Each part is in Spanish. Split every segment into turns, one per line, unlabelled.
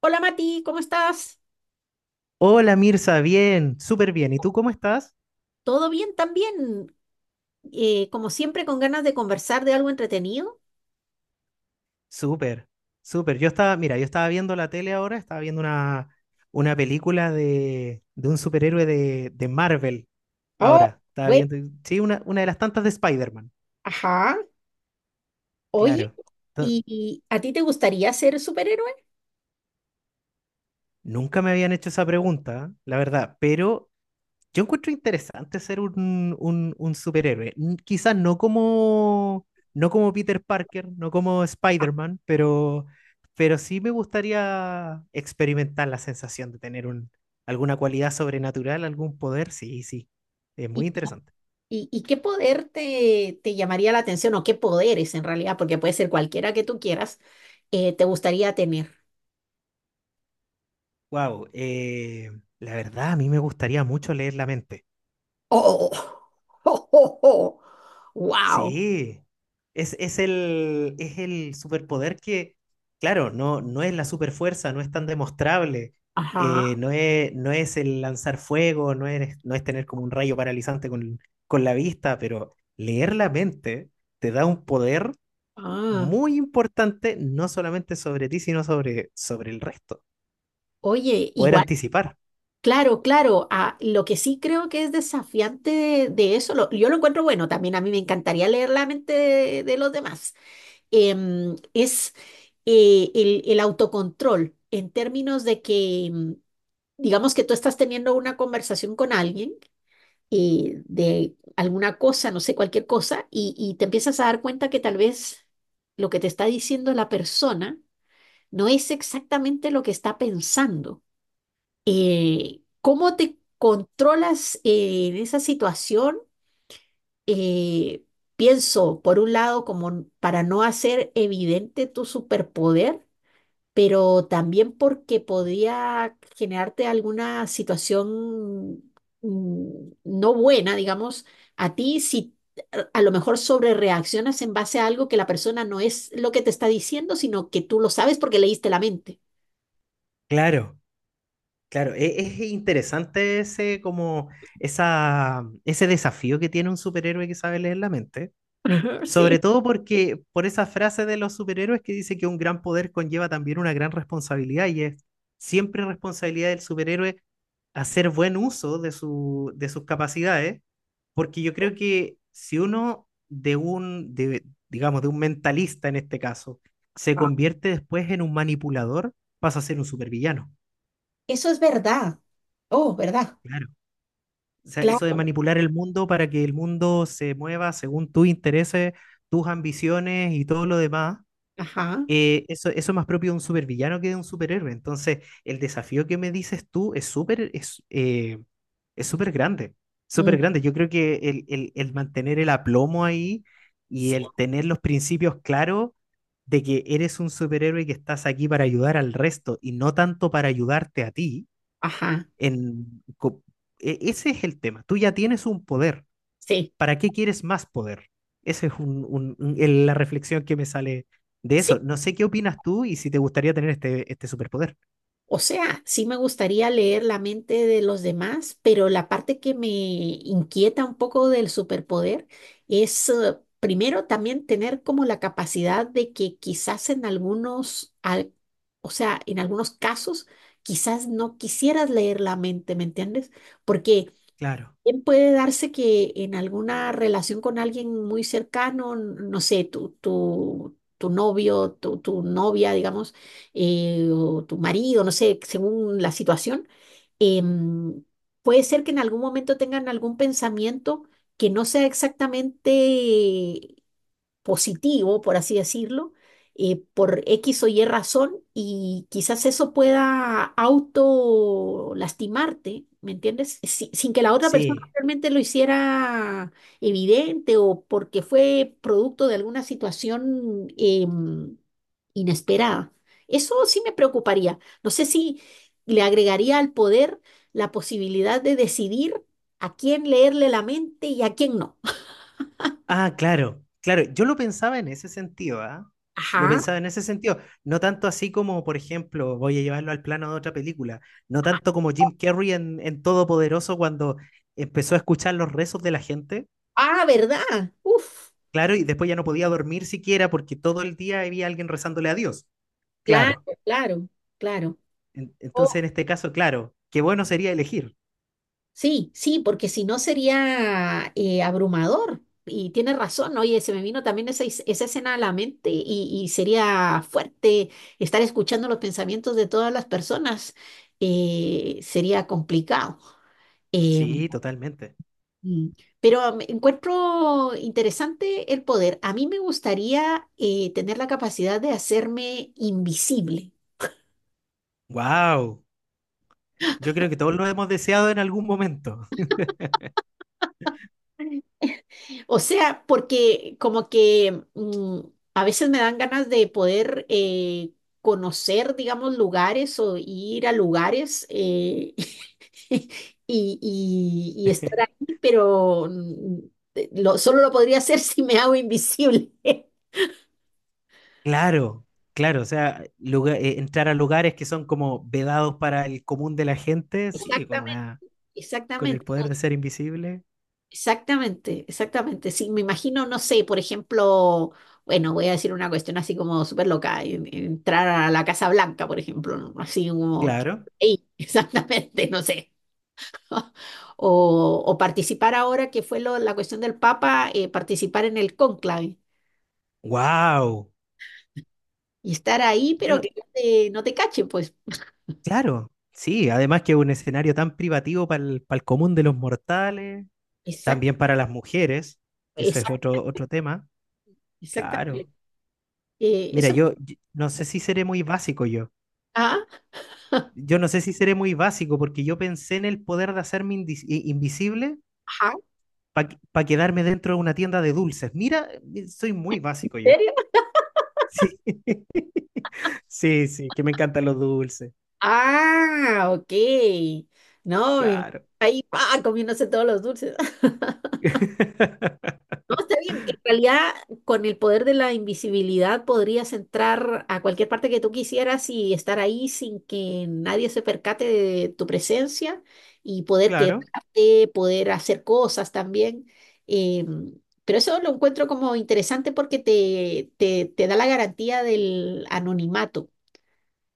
Hola Mati, ¿cómo estás?
Hola Mirza, bien, súper bien. ¿Y tú cómo estás?
¿Todo bien también? Como siempre, con ganas de conversar de algo entretenido.
Súper, súper. Yo estaba, mira, yo estaba viendo la tele ahora, estaba viendo una película de un superhéroe de Marvel
Oh,
ahora. Estaba
bueno,
viendo, sí, una de las tantas de Spider-Man,
ajá. Oye,
claro. Ento-
¿y a ti te gustaría ser superhéroe?
Nunca me habían hecho esa pregunta, la verdad, pero yo encuentro interesante ser un superhéroe. Quizás no como, no como Peter Parker, no como Spider-Man, pero sí me gustaría experimentar la sensación de tener un, alguna cualidad sobrenatural, algún poder. Sí, sí. Es muy
¿Y,
interesante.
y qué poder te llamaría la atención o qué poderes en realidad, porque puede ser cualquiera que tú quieras, te gustaría tener?
Wow, la verdad, a mí me gustaría mucho leer la mente.
¡Oh! ¡Oh, oh, oh! ¡Wow!
Sí, es, es el superpoder que, claro, no, no es la superfuerza, no es tan demostrable,
Ajá.
no es, no es el lanzar fuego, no es, no es tener como un rayo paralizante con la vista, pero leer la mente te da un poder
Ah,
muy importante, no solamente sobre ti, sino sobre, sobre el resto,
oye,
poder
igual
anticipar.
claro, claro. Ah, lo que sí creo que es desafiante de eso, yo lo encuentro bueno, también a mí me encantaría leer la mente de los demás, em, es el autocontrol en términos de que, digamos que tú estás teniendo una conversación con alguien de alguna cosa, no sé, cualquier cosa, y te empiezas a dar cuenta que tal vez lo que te está diciendo la persona no es exactamente lo que está pensando. ¿ ¿Cómo te controlas en esa situación? Eh, Pienso, por un lado, como para no hacer evidente tu superpoder, pero también porque podría generarte alguna situación no buena, digamos, a ti si a lo mejor sobre reaccionas en base a algo que la persona no es lo que te está diciendo, sino que tú lo sabes porque leíste la mente.
Claro, claro, es interesante ese, como, esa, ese desafío que tiene un superhéroe que sabe leer la mente.
Ajá,
Sobre
sí.
todo porque por esa frase de los superhéroes que dice que un gran poder conlleva también una gran responsabilidad y es siempre responsabilidad del superhéroe hacer buen uso de su, de sus capacidades, porque yo creo que si uno de un, de, digamos, de un mentalista en este caso, se
Ah.
convierte después en un manipulador, pasa a ser un supervillano.
Eso es verdad. Oh, ¿verdad?
Claro. O sea, eso de
Claro,
manipular el mundo para que el mundo se mueva según tus intereses, tus ambiciones y todo lo demás,
ajá,
eso, eso es más propio de un supervillano que de un superhéroe. Entonces, el desafío que me dices tú es súper grande, súper
mm,
grande. Yo creo que el mantener el aplomo ahí y
sí,
el tener los principios claros de que eres un superhéroe y que estás aquí para ayudar al resto y no tanto para ayudarte a ti,
ajá,
en, co- ese es el tema. Tú ya tienes un poder.
sí,
¿Para qué quieres más poder? Esa es la reflexión que me sale de
sí.
eso. No sé qué opinas tú y si te gustaría tener este, este superpoder.
O sea, sí me gustaría leer la mente de los demás, pero la parte que me inquieta un poco del superpoder es, primero, también tener como la capacidad de que quizás en algunos, o sea, en algunos casos, quizás no quisieras leer la mente, ¿me entiendes? Porque
Claro,
también puede darse que en alguna relación con alguien muy cercano, no sé, tu novio, tu novia, digamos, o tu marido, no sé, según la situación, em, puede ser que en algún momento tengan algún pensamiento que no sea exactamente positivo, por así decirlo, por X o Y razón y quizás eso pueda auto lastimarte, ¿me entiendes? Sin que la otra persona
sí.
realmente lo hiciera evidente o porque fue producto de alguna situación inesperada. Eso sí me preocuparía. No sé si le agregaría al poder la posibilidad de decidir a quién leerle la mente y a quién no.
Ah, claro, claro. Yo lo pensaba en ese sentido, ¿ah? Lo
Ajá.
pensaba en ese sentido. No tanto así como, por ejemplo, voy a llevarlo al plano de otra película. No tanto como Jim Carrey en Todopoderoso cuando empezó a escuchar los rezos de la gente.
Ah, ¿verdad? Uf,
Claro, y después ya no podía dormir siquiera porque todo el día había alguien rezándole a Dios.
claro,
Claro.
claro, claro.
Entonces,
Oh,
en este caso, claro, qué bueno sería elegir.
sí, sí, porque si no sería abrumador. Y tienes razón, oye, se me vino también esa, esa escena a la mente y sería fuerte estar escuchando los pensamientos de todas las personas. Sería complicado. Eh,
Sí, totalmente.
mm, pero me encuentro interesante el poder. A mí me gustaría tener la capacidad de hacerme invisible.
Wow. Yo creo que todos lo hemos deseado en algún momento.
O sea, porque como que a veces me dan ganas de poder conocer, digamos, lugares o ir a lugares y, y estar ahí, pero solo lo podría hacer si me hago invisible.
Claro, claro, o sea, entrar a lugares que son como vedados para el común de la gente, sí, con
Exactamente,
una, con el
exactamente.
poder de ser invisible,
Exactamente, exactamente. Sí, me imagino, no sé, por ejemplo, bueno, voy a decir una cuestión así como súper loca, entrar a la Casa Blanca, por ejemplo, ¿no? Así como, que-
claro.
ey, exactamente, no sé. O, o participar ahora, que fue la cuestión del Papa, participar en el cónclave
Wow.
y estar ahí,
Yo
pero
no,
que no te, no te cachen, pues.
claro, sí, además que un escenario tan privativo para el común de los mortales,
Exacto,
también para las mujeres, que eso es
exacto,
otro, otro tema, claro.
exactamente.
Mira,
Eso.
yo no sé si seré muy básico yo.
Ah,
Yo no sé si seré muy básico porque yo pensé en el poder de hacerme invisible
ajá, ¿en
para quedarme dentro de una tienda de dulces. Mira, soy muy básico yo.
serio?
Sí, sí, sí, que me encantan los dulces.
Ah, ok. No, mi-
Claro.
Ahí pa, comiéndose todos los dulces. No, está bien. En realidad, con el poder de la invisibilidad podrías entrar a cualquier parte que tú quisieras y estar ahí sin que nadie se percate de tu presencia y poder
Claro.
quedarte, poder hacer cosas también. Eh, pero eso lo encuentro como interesante porque te da la garantía del anonimato.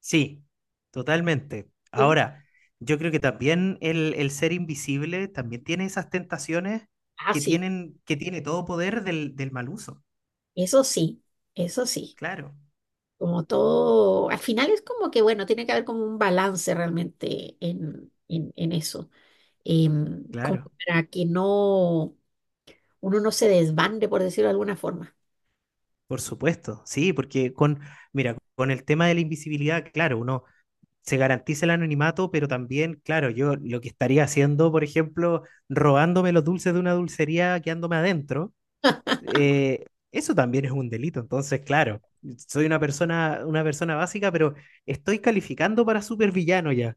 Sí, totalmente.
Ujú.
Ahora, yo creo que también el ser invisible también tiene esas tentaciones
Ah,
que
sí,
tienen, que tiene todo poder del mal uso.
eso sí, eso sí.
Claro,
Como todo, al final es como que, bueno, tiene que haber como un balance realmente en eso, como
claro.
para que no, uno no se desbande, por decirlo de alguna forma,
Por supuesto, sí, porque con, mira, con el tema de la invisibilidad, claro, uno se garantiza el anonimato, pero también, claro, yo lo que estaría haciendo, por ejemplo, robándome los dulces de una dulcería quedándome adentro, eh, eso también es un delito. Entonces, claro, soy una persona básica, pero estoy calificando para supervillano ya.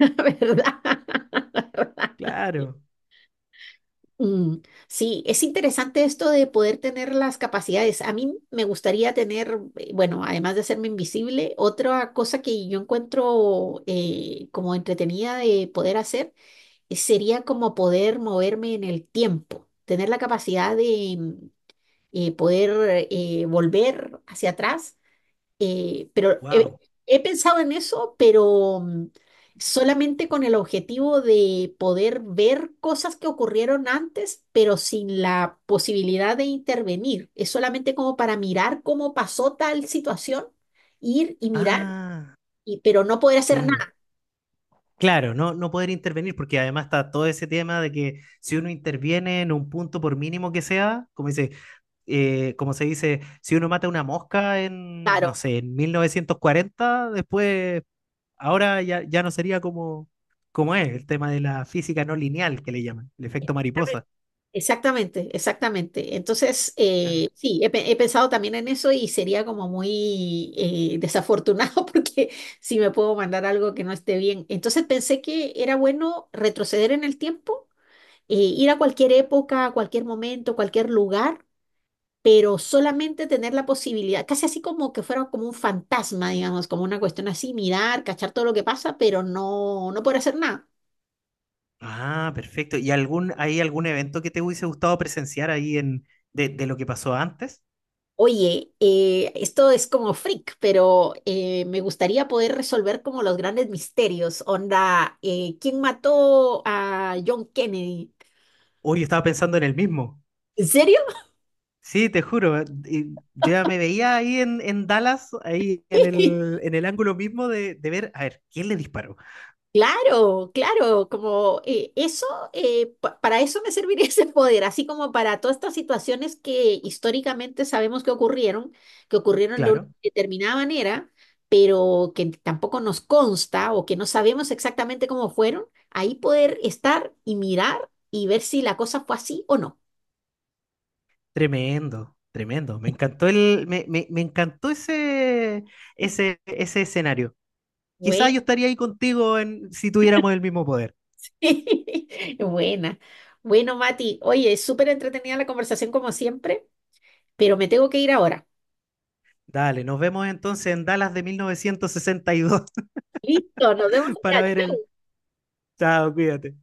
¿verdad? ¿Verdad?
Claro.
Mm, sí, es interesante esto de poder tener las capacidades. A mí me gustaría tener, bueno, además de hacerme invisible, otra cosa que yo encuentro como entretenida de poder hacer sería como poder moverme en el tiempo, tener la capacidad de poder volver hacia atrás. eh, pero he,
Wow.
He pensado en eso, pero solamente con el objetivo de poder ver cosas que ocurrieron antes, pero sin la posibilidad de intervenir. Es solamente como para mirar cómo pasó tal situación, ir y mirar,
Ah,
y, pero no poder hacer
claro.
nada.
Claro, no, no poder intervenir, porque además está todo ese tema de que si uno interviene en un punto, por mínimo que sea, como dice, como se dice, si uno mata una mosca en, no
Claro.
sé, en 1940, después, ahora ya, ya no sería como, como es el tema de la física no lineal que le llaman, el efecto mariposa.
Exactamente, exactamente. Entonces, sí, he pensado también en eso y sería como muy desafortunado porque si me puedo mandar algo que no esté bien. Entonces pensé que era bueno retroceder en el tiempo, ir a cualquier época, a cualquier momento, cualquier lugar, pero solamente tener la posibilidad, casi así como que fuera como un fantasma, digamos, como una cuestión así, mirar, cachar todo lo que pasa, pero no, no poder hacer nada.
Ah, perfecto. ¿Y algún, hay algún evento que te hubiese gustado presenciar ahí en, de lo que pasó antes?
Oye, esto es como freak, pero me gustaría poder resolver como los grandes misterios. Onda, ¿quién mató a John Kennedy?
Hoy estaba pensando en el mismo.
¿En serio?
Sí, te juro, y yo ya me veía ahí en Dallas, ahí en el ángulo mismo de ver, a ver, ¿quién le disparó?
Claro, claro, como eso, para eso me serviría ese poder, así como para todas estas situaciones que históricamente sabemos que ocurrieron de una
Claro,
determinada manera, pero que tampoco nos consta o que no sabemos exactamente cómo fueron, ahí poder estar y mirar y ver si la cosa fue así o no.
tremendo, tremendo. Me encantó el, me encantó ese, ese, ese escenario.
Bue-
Quizás yo estaría ahí contigo en, si tuviéramos el mismo poder.
Buena. Bueno, Mati, oye, súper entretenida la conversación como siempre, pero me tengo que ir ahora.
Dale, nos vemos entonces en Dallas de 1962
Listo, nos vemos
para ver el...
allá.
Chao, cuídate.